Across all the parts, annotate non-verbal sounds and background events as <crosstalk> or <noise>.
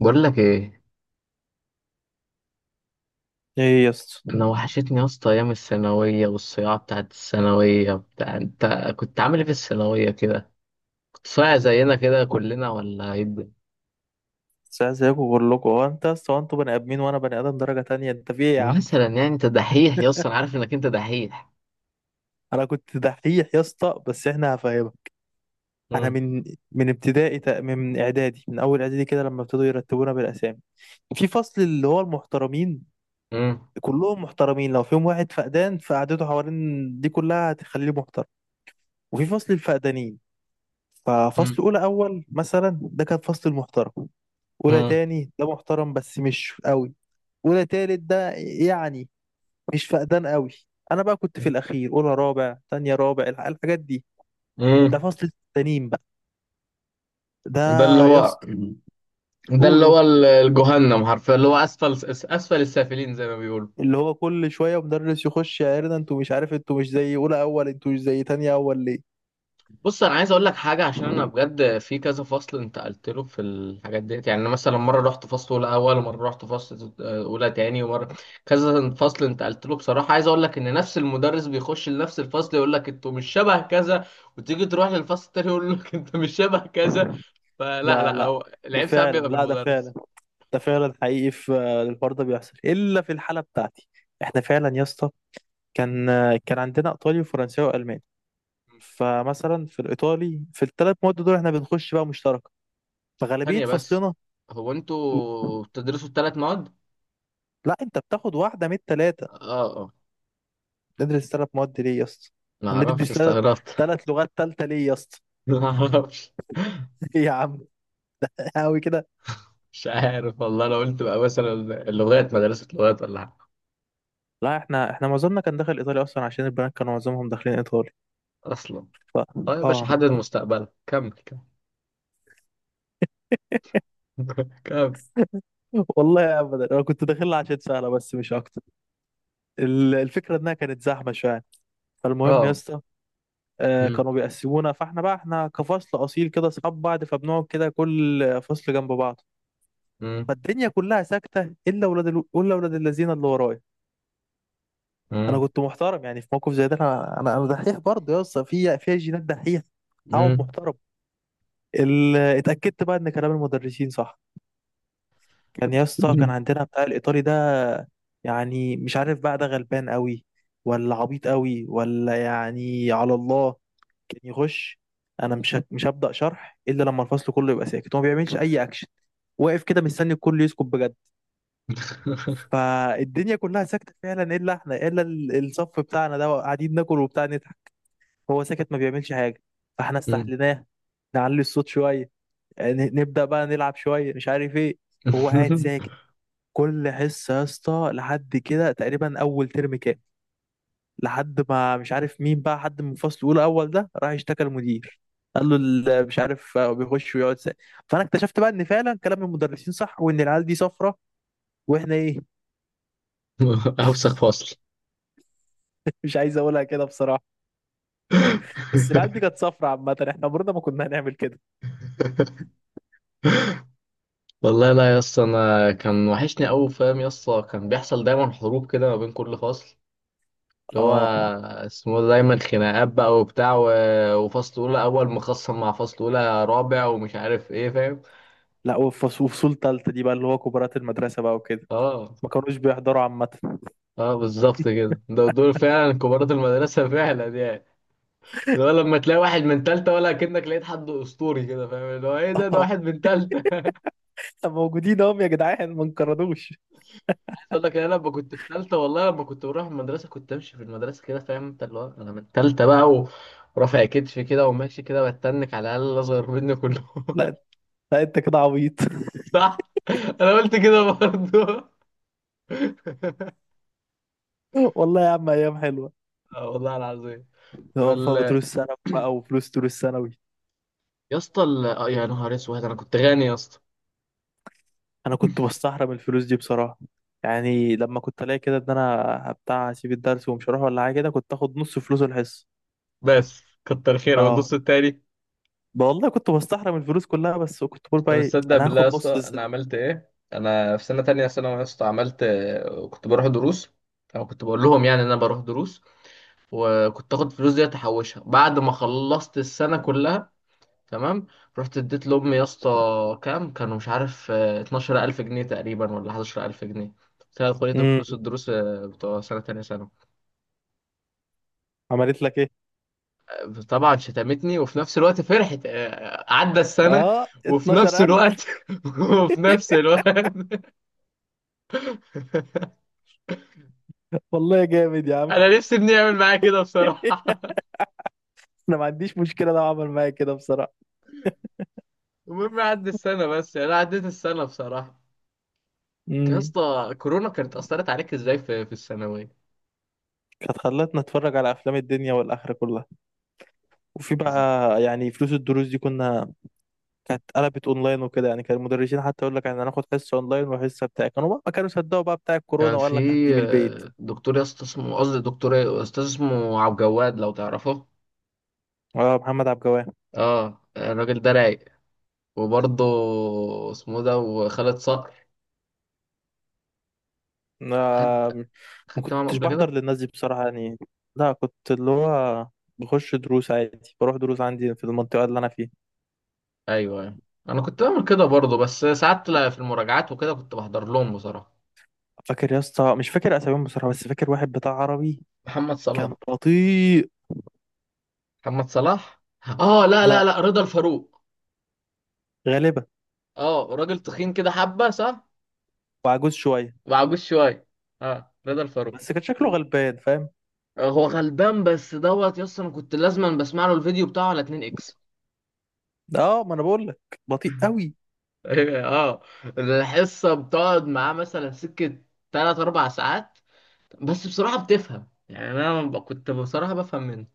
بقول لك ايه؟ ايه يا اسطى؟ انا وحشتني يا اسطى ايام الثانويه والصياعه بتاعت الثانويه بتاع انت. كنت عامل ايه في الثانويه كده؟ كنت صايع زينا كده كلنا ولا ايه الدنيا؟ ساعة زيكم كلكم، هو انت يا اسطى، هو انتوا بني ادمين وانا بني ادم درجة تانية، انت في ايه يا عم؟ مثلا يعني انت دحيح يا اسطى، انا عارف انك انت دحيح. <laughs> انا كنت دحيح يا اسطى، بس احنا هفهمك. انا امم. من ابتدائي، من اعدادي، من اول اعدادي كده لما ابتدوا يرتبونا بالاسامي في فصل اللي هو المحترمين، امم. كلهم محترمين، لو فيهم واحد فقدان فقعدته حوالين دي كلها هتخليه محترم. وفي فصل الفقدانين. امم. ففصل اولى اول مثلا ده كان فصل المحترم، اولى امم. تاني ده محترم بس مش قوي، اولى تالت ده يعني مش فقدان قوي. انا بقى كنت في الاخير، اولى رابع، تانية رابع، الحاجات دي. ده امم. فصل التانيين بقى. ده ده اللي يا هو اسطى، ده اللي قولوا. هو ال- الجهنم حرفيا، اللي هو اسفل اسفل السافلين زي ما بيقولوا. اللي هو كل شويه مدرس يخش يعيرنا، انتوا مش عارف، انتوا مش زي اولى اول، انتوا مش زي تانية اول ليه. بص، انا عايز اقول لك حاجه، عشان انا بجد في كذا فصل انتقلت له في الحاجات ديت، يعني أنا مثلا مره رحت فصل اولى اول، ومره رحت فصل اولى تاني، ومره كذا فصل انتقلت له بصراحه. عايز اقول لك ان نفس المدرس بيخش لنفس الفصل يقول لك انتوا مش شبه كذا، وتيجي تروح للفصل التاني يقول لك انت مش شبه كذا. فلا لا لا، لا، هو ده العيب ساعات فعلا، بيبقى في لا ده المدرس. فعلا، ده فعلا حقيقي في، الحوار ده بيحصل الا في الحاله بتاعتي. احنا فعلا يا اسطى، كان عندنا ايطالي وفرنساوي والماني. فمثلا في الايطالي، في ال3 مواد دول، احنا بنخش بقى مشتركه. فغالبيه ثانيه بس، فصلنا. هو انتوا بتدرسوا الثلاث مواد؟ لا، انت بتاخد واحده من التلاته. اه اه. تدرس 3 مواد ليه يا اسطى؟ ما هندرس اعرفش، <laughs> ثلاث استغربت. ثلاث لغات تالته ليه يا اسطى؟ <laughs> ما اعرفش. <laughs> ايه يا عم؟ قوي كده. مش عارف والله. انا قلت بقى مثلا، اللغات مدرسة لغات ولا حاجة؟ لا، احنا معظمنا كان داخل ايطالي اصلا، عشان البنات كانوا معظمهم داخلين ايطالي. اصلا. ف اه يا باشا، اه. حدد مستقبلك، كمل كمل. <laughs> كمل. <laughs> والله ابدا، انا كنت داخلها عشان سهله بس مش اكتر. الفكره انها كانت زحمه شويه. فالمهم يا اه. اسطى، مم. كانوا بيقسمونا، فاحنا بقى احنا كفصل اصيل كده اصحاب بعض، فبنقعد كده كل فصل جنب بعض. مم. فالدنيا كلها ساكته الا ولاد الذين اللي ورايا. انا مم. كنت محترم، يعني في موقف زي ده انا دحيح برضه يا اسطى، في جينات دحيح. اقعد مم. محترم. اتاكدت بقى ان كلام المدرسين صح. كان يا اسطى، كان مم. عندنا بتاع الايطالي ده. يعني مش عارف بقى، ده غلبان قوي ولا عبيط قوي ولا يعني على الله. كان يخش، انا مش هبدا شرح الا لما الفصل كله يبقى ساكت. هو ما بيعملش اي اكشن، واقف كده مستني الكل يسكت بجد. فالدنيا كلها ساكته فعلا الا احنا، الا الصف بتاعنا ده قاعدين ناكل وبتاع نضحك. هو ساكت، ما بيعملش حاجة. فاحنا مم. استحليناه، نعلي الصوت شوية، نبدأ بقى نلعب شوية مش عارف ايه. هو قاعد ساكت. كل حصة يا اسطى لحد كده، تقريبا أول ترم كام، لحد ما مش عارف مين بقى، حد من فصل أولى أول ده راح اشتكى المدير، قال له، مش عارف، بيخش ويقعد ساكت. فأنا اكتشفت بقى إن فعلا كلام المدرسين صح، وإن العيال دي صفرة. وإحنا إيه؟ <laughs> اوسخ فصل. <laughs> مش عايز أقولها كده بصراحة، بس العيال دي كانت صفرة عامة، إحنا عمرنا ما كنا هنعمل كده. والله لا يا اسطى، انا كان وحشني قوي، فاهم يا اسطى؟ كان بيحصل دايما حروب كده ما بين كل فصل، اللي هو آه، اسمه ده، دايما خناقات بقى وبتاع، و- وفصل اولى اول مخصم مع فصل اولى رابع، ومش عارف ايه، فاهم؟ لا وفصول تالتة دي بقى اللي هو كبارات المدرسة بقى وكده، اه. ما كانوش بيحضروا عامة. اه بالظبط كده، دول فعلا كبارات المدرسه <laughs> فعلا يعني. اللي هو لما تلاقي واحد من تالتة، ولا كأنك لقيت حد أسطوري كده، فاهم؟ اللي هو إيه ده واحد <laughs> من تالتة. اه، موجودين اهم يا جدعان، ما انقرضوش. <laughs> عايز أقول لك، أنا لما كنت في تالتة والله، لما كنت بروح المدرسة كنت أمشي في المدرسة كده، فاهم أنت؟ اللي هو أنا من تالتة بقى، ورافع كتفي كده وماشي كده بتنك، على الأقل الأصغر مني كلهم. <laughs> لا لا، انت كده عبيط. <laughs> صح؟ أنا قلت كده برضه. <laughs> والله يا عم، ايام حلوة. اه والله العظيم. اه، ولا فدروس ثانوي بقى وفلوس دروس ثانوي. يا اسطى، يا نهار اسود، انا كنت غني يا اسطى. انا كنت بستحرم الفلوس دي بصراحة. يعني لما كنت الاقي كده ان انا بتاع اسيب الدرس ومش هروح ولا حاجة كده، كنت اخد نص فلوس الحصة. بس كتر خيره، والنص اه. التاني؟ بقى والله كنت بستحرم الفلوس كلها، بس كنت بقول بقى طب ايه، تصدق انا بالله هاخد يا اسطى، نص انا الذنب. عملت ايه؟ انا في سنه تانية ثانوي يا اسطى عملت، كنت بروح دروس، او كنت بقول لهم يعني ان انا بروح دروس، وكنت اخد فلوس دي احوشها، بعد ما خلصت السنه كلها، تمام؟ رحت اديت لامي يا اسطى، كام كانوا، مش عارف، 12,000 جنيه تقريبا ولا 11,000 جنيه. قلت لها خدي دول امم. فلوس الدروس، بتوع سنه تانية ثانوي. عملت لك ايه؟ طبعا شتمتني، وفي نفس الوقت فرحت، عدى السنة، اه، وفي نفس 12,000. الوقت <laughs> وفي نفس الوقت. <laughs> والله جامد يا عم. انا نفسي ابني يعمل معايا كده بصراحة. <laughs> <laughs> انا ما عنديش مشكله لو عمل معايا كده بصراحه. المهم عدى السنة، بس يعني انا عديت السنة بصراحة. انت يا امم. اسطى كورونا كانت اثرت عليك ازاي في الثانوية؟ كانت خلتنا نتفرج على افلام الدنيا والاخره كلها. وفي بقى، إز- يعني فلوس الدروس دي كانت قلبت اونلاين وكده، يعني كان المدرسين حتى يقول لك احنا هناخد حصه اونلاين وحصه بتاع، كانوا بقى ما كانوا صدقوا بقى بتاع الكورونا، كان في وقال لك هدي من البيت. دكتور يا اسطى اسمه، قصدي دكتور إيه؟ استاذ اسمه عبد الجواد، لو تعرفه. اه، محمد عبد الجواد. اه الراجل ده رايق. وبرضه اسمه ده وخالد صقر. آه، خدت ما خدت معاهم كنتش قبل كده. بحضر للناس دي بصراحه يعني. لا، كنت اللي هو بخش دروس عادي، بروح دروس عندي في المنطقه اللي انا فيها. ايوه أيوه. انا كنت بعمل كده برضه، بس ساعات لا، في المراجعات وكده كنت بحضر لهم بصراحه. فاكر يا اسطى، مش فاكر اساميهم بصراحه بس فاكر واحد بتاع عربي. محمد كان صلاح. بطيء. محمد صلاح. اه لا لا، لا لا، رضا الفاروق. غالبا. اه راجل تخين كده حبه، صح؟ وعجوز شويه. وعجوز شويه. اه رضا الفاروق. بس كان شكله غلبان فاهم. هو غلبان بس دوت يس، انا كنت لازما بسمع له الفيديو بتاعه على 2 اكس. اه، ما انا بقول لك، بطيء <laughs> قوي. اه، الحصه بتقعد معاه مثلا سكه 3 4 ساعات. بس بصراحه بتفهم، يعني انا كنت بصراحه بفهم منه.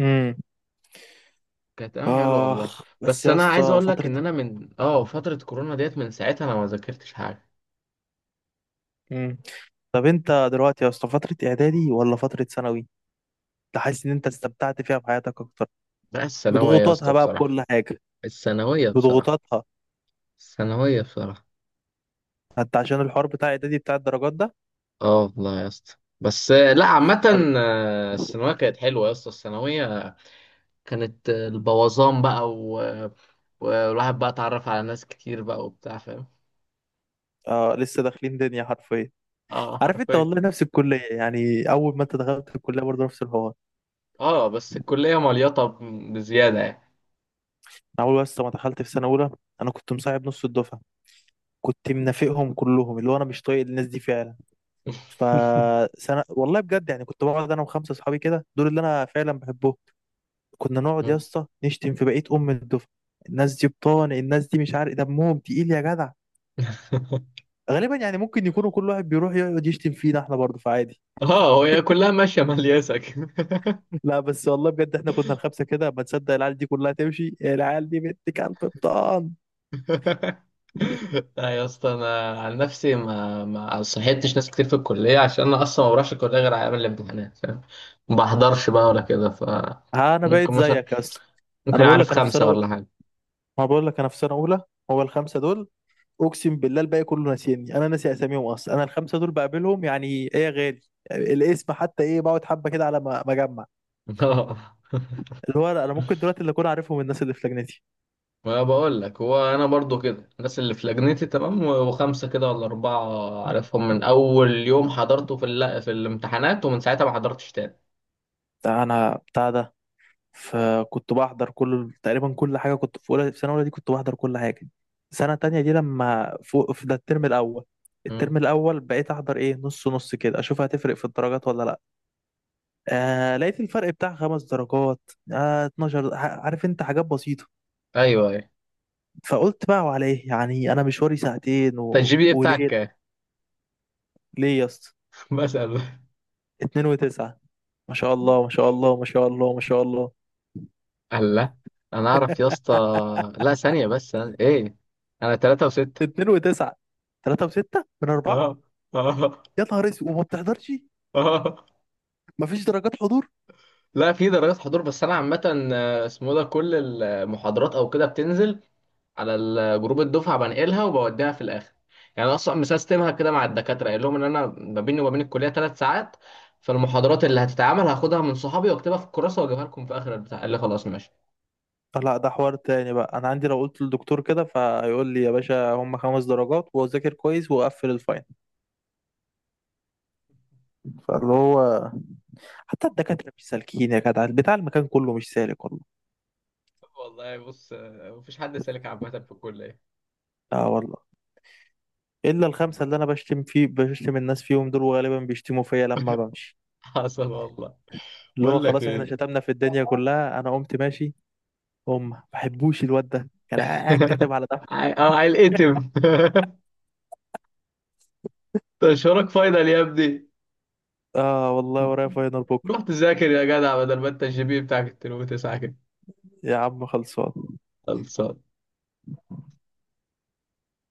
امم. كانت حلوه والله. اخ بس بس يا انا عايز اسطى، اقول لك، فتره. ان انا من فتره كورونا ديت، من ساعتها انا ما ذاكرتش حاجه. امم. طب انت دلوقتي يا اسطى، فتره اعدادي ولا فتره ثانوي؟ انت حاسس ان انت استمتعت فيها في حياتك اكتر؟ بقى الثانويه يا اسطى بضغوطاتها بقى، بصراحه. بكل حاجه، الثانويه بصراحه. بضغوطاتها. الثانويه بصراحه. حتى عشان الحوار بتاع اعدادي بتاع الدرجات ده. اه والله يا اسطى. بس لا، عامه طب. الثانويه كانت حلوه يا اسطى. الثانويه كانت البوظان بقى، و... والواحد بقى اتعرف على ناس كتير بقى وبتاع، فاهم؟ آه، لسه داخلين دنيا حرفيا. اه عارف انت، حرفيا. والله نفس الكليه، يعني اول ما انت دخلت الكليه برضه نفس الحوار. اه بس الكليه مليطه بزياده يعني. انا اول بس ما دخلت في سنه اولى، انا كنت مصاحب نص الدفعه، كنت منافقهم كلهم، اللي هو انا مش طايق الناس دي فعلا. فسنه والله بجد يعني، كنت بقعد انا وخمسه اصحابي كده، دول اللي انا فعلا بحبهم. كنا نقعد يا <laughs> اسطى نشتم في بقيه ام الدفعه. الناس دي بطان، الناس دي مش عارف دمهم تقيل يا جدع. غالبا يعني ممكن يكونوا كل واحد بيروح يقعد يشتم فينا احنا برضه، فعادي. اه، هي كلها ماشيه ملياسه كده. <laughs> لا بس والله بجد، احنا كنا الخمسه كده، ما تصدق العيال دي كلها تمشي، العيال دي بنت كلب بطان. <laughs> لا يا اسطى، انا عن نفسي ما صحيتش ناس كتير في الكليه، عشان انا اصلا ما بروحش الكليه غير على ايام الامتحانات، فاهم؟ ما بحضرش بقى ولا كده، ف. ها، انا بقيت ممكن مثلا، زيك يا اسطى. ممكن انا بقول اعرف لك انا في خمسه سنه، ولا حاجه. ما بقول لك انا في سنه اولى، هو الخمسه دول. اقسم بالله الباقي كله ناسيني، انا ناسي اساميهم اصلا، انا الخمسه دول بقابلهم يعني ايه يا غالي. الاسم حتى ايه بقعد حبه كده على ما اجمع. <laughs> اللي هو انا ممكن دلوقتي اللي اكون عارفهم الناس اللي في لجنتي. ما بقول لك، هو انا برضو كده، الناس اللي في لجنتي تمام، و- وخمسه كده ولا اربعه عارفهم من اول يوم حضرته في الامتحانات، ومن ساعتها ما حضرتش تاني. ده انا بتاع ده. فكنت بحضر كل، تقريبا كل حاجه، كنت في اولى في سنه اولى دي كنت بحضر كل حاجه. سنه تانية دي لما فوق في ده الترم الاول، مم. الترم الاول بقيت احضر ايه، نص نص كده، اشوف هتفرق في الدرجات ولا لا. آه، لقيت الفرق بتاع 5 درجات. آه، 12. عارف انت حاجات بسيطة. ايوه ايوه. فقلت بقى وعلى ايه، يعني انا مشواري ساعتين انت و... الجي بي اي بتاعك وليه. كام؟ ليه يا اسطى؟ <laughs> بسأل. 2.9. ما شاء الله، ما شاء الله، ما شاء الله، ما شاء الله. الله. انا اعرف يا اسطى. <laughs> لا ثانيه بس، أنا، ايه، انا 3.6. 2.9. 3.6 من 4. اه اه يا نهار اسود، وما بتحضرش؟ اه. مفيش درجات حضور؟ لا في درجات حضور، بس انا عامه اسمه ده كل المحاضرات او كده بتنزل على جروب الدفعه، بنقلها وبوديها في الاخر. يعني أنا اصلا مسيستمها كده مع الدكاتره، قايل لهم ان انا ما بيني وما بين الكليه 3 ساعات، فالمحاضرات اللي هتتعمل هاخدها من صحابي واكتبها في الكراسه واجيبها لكم في اخر البتاع. قال لي خلاص ماشي. لا، ده حوار تاني بقى. أنا عندي لو قلت للدكتور كده فيقول لي يا باشا هم 5 درجات، وأذاكر كويس وأقفل الفاين. فاللي هو حتى الدكاترة مش سالكين يا جدع، بتاع المكان كله مش سالك والله. والله بص، مفيش حد سالك عامه في الكليه. لا والله. إلا الخمسة اللي أنا <laughs> بشتم الناس فيهم دول، وغالبا بيشتموا فيا لما بمشي. حصل والله. اللي هو بقول لك خلاص، إحنا ايه. شتمنا في الدنيا <laughs> كلها، أنا قمت ماشي. هم ما بحبوش الواد ده، كان قاعد كاتب على ده. هيتقتم. <laughs> تشهرك فاينل يا ابني. آه والله، ورايا فاينل بكرة. روح تذاكر يا جدع، بدل ما انت الجي بي بتاعك 2.9 كده. يا عم، خلصان. خلصان.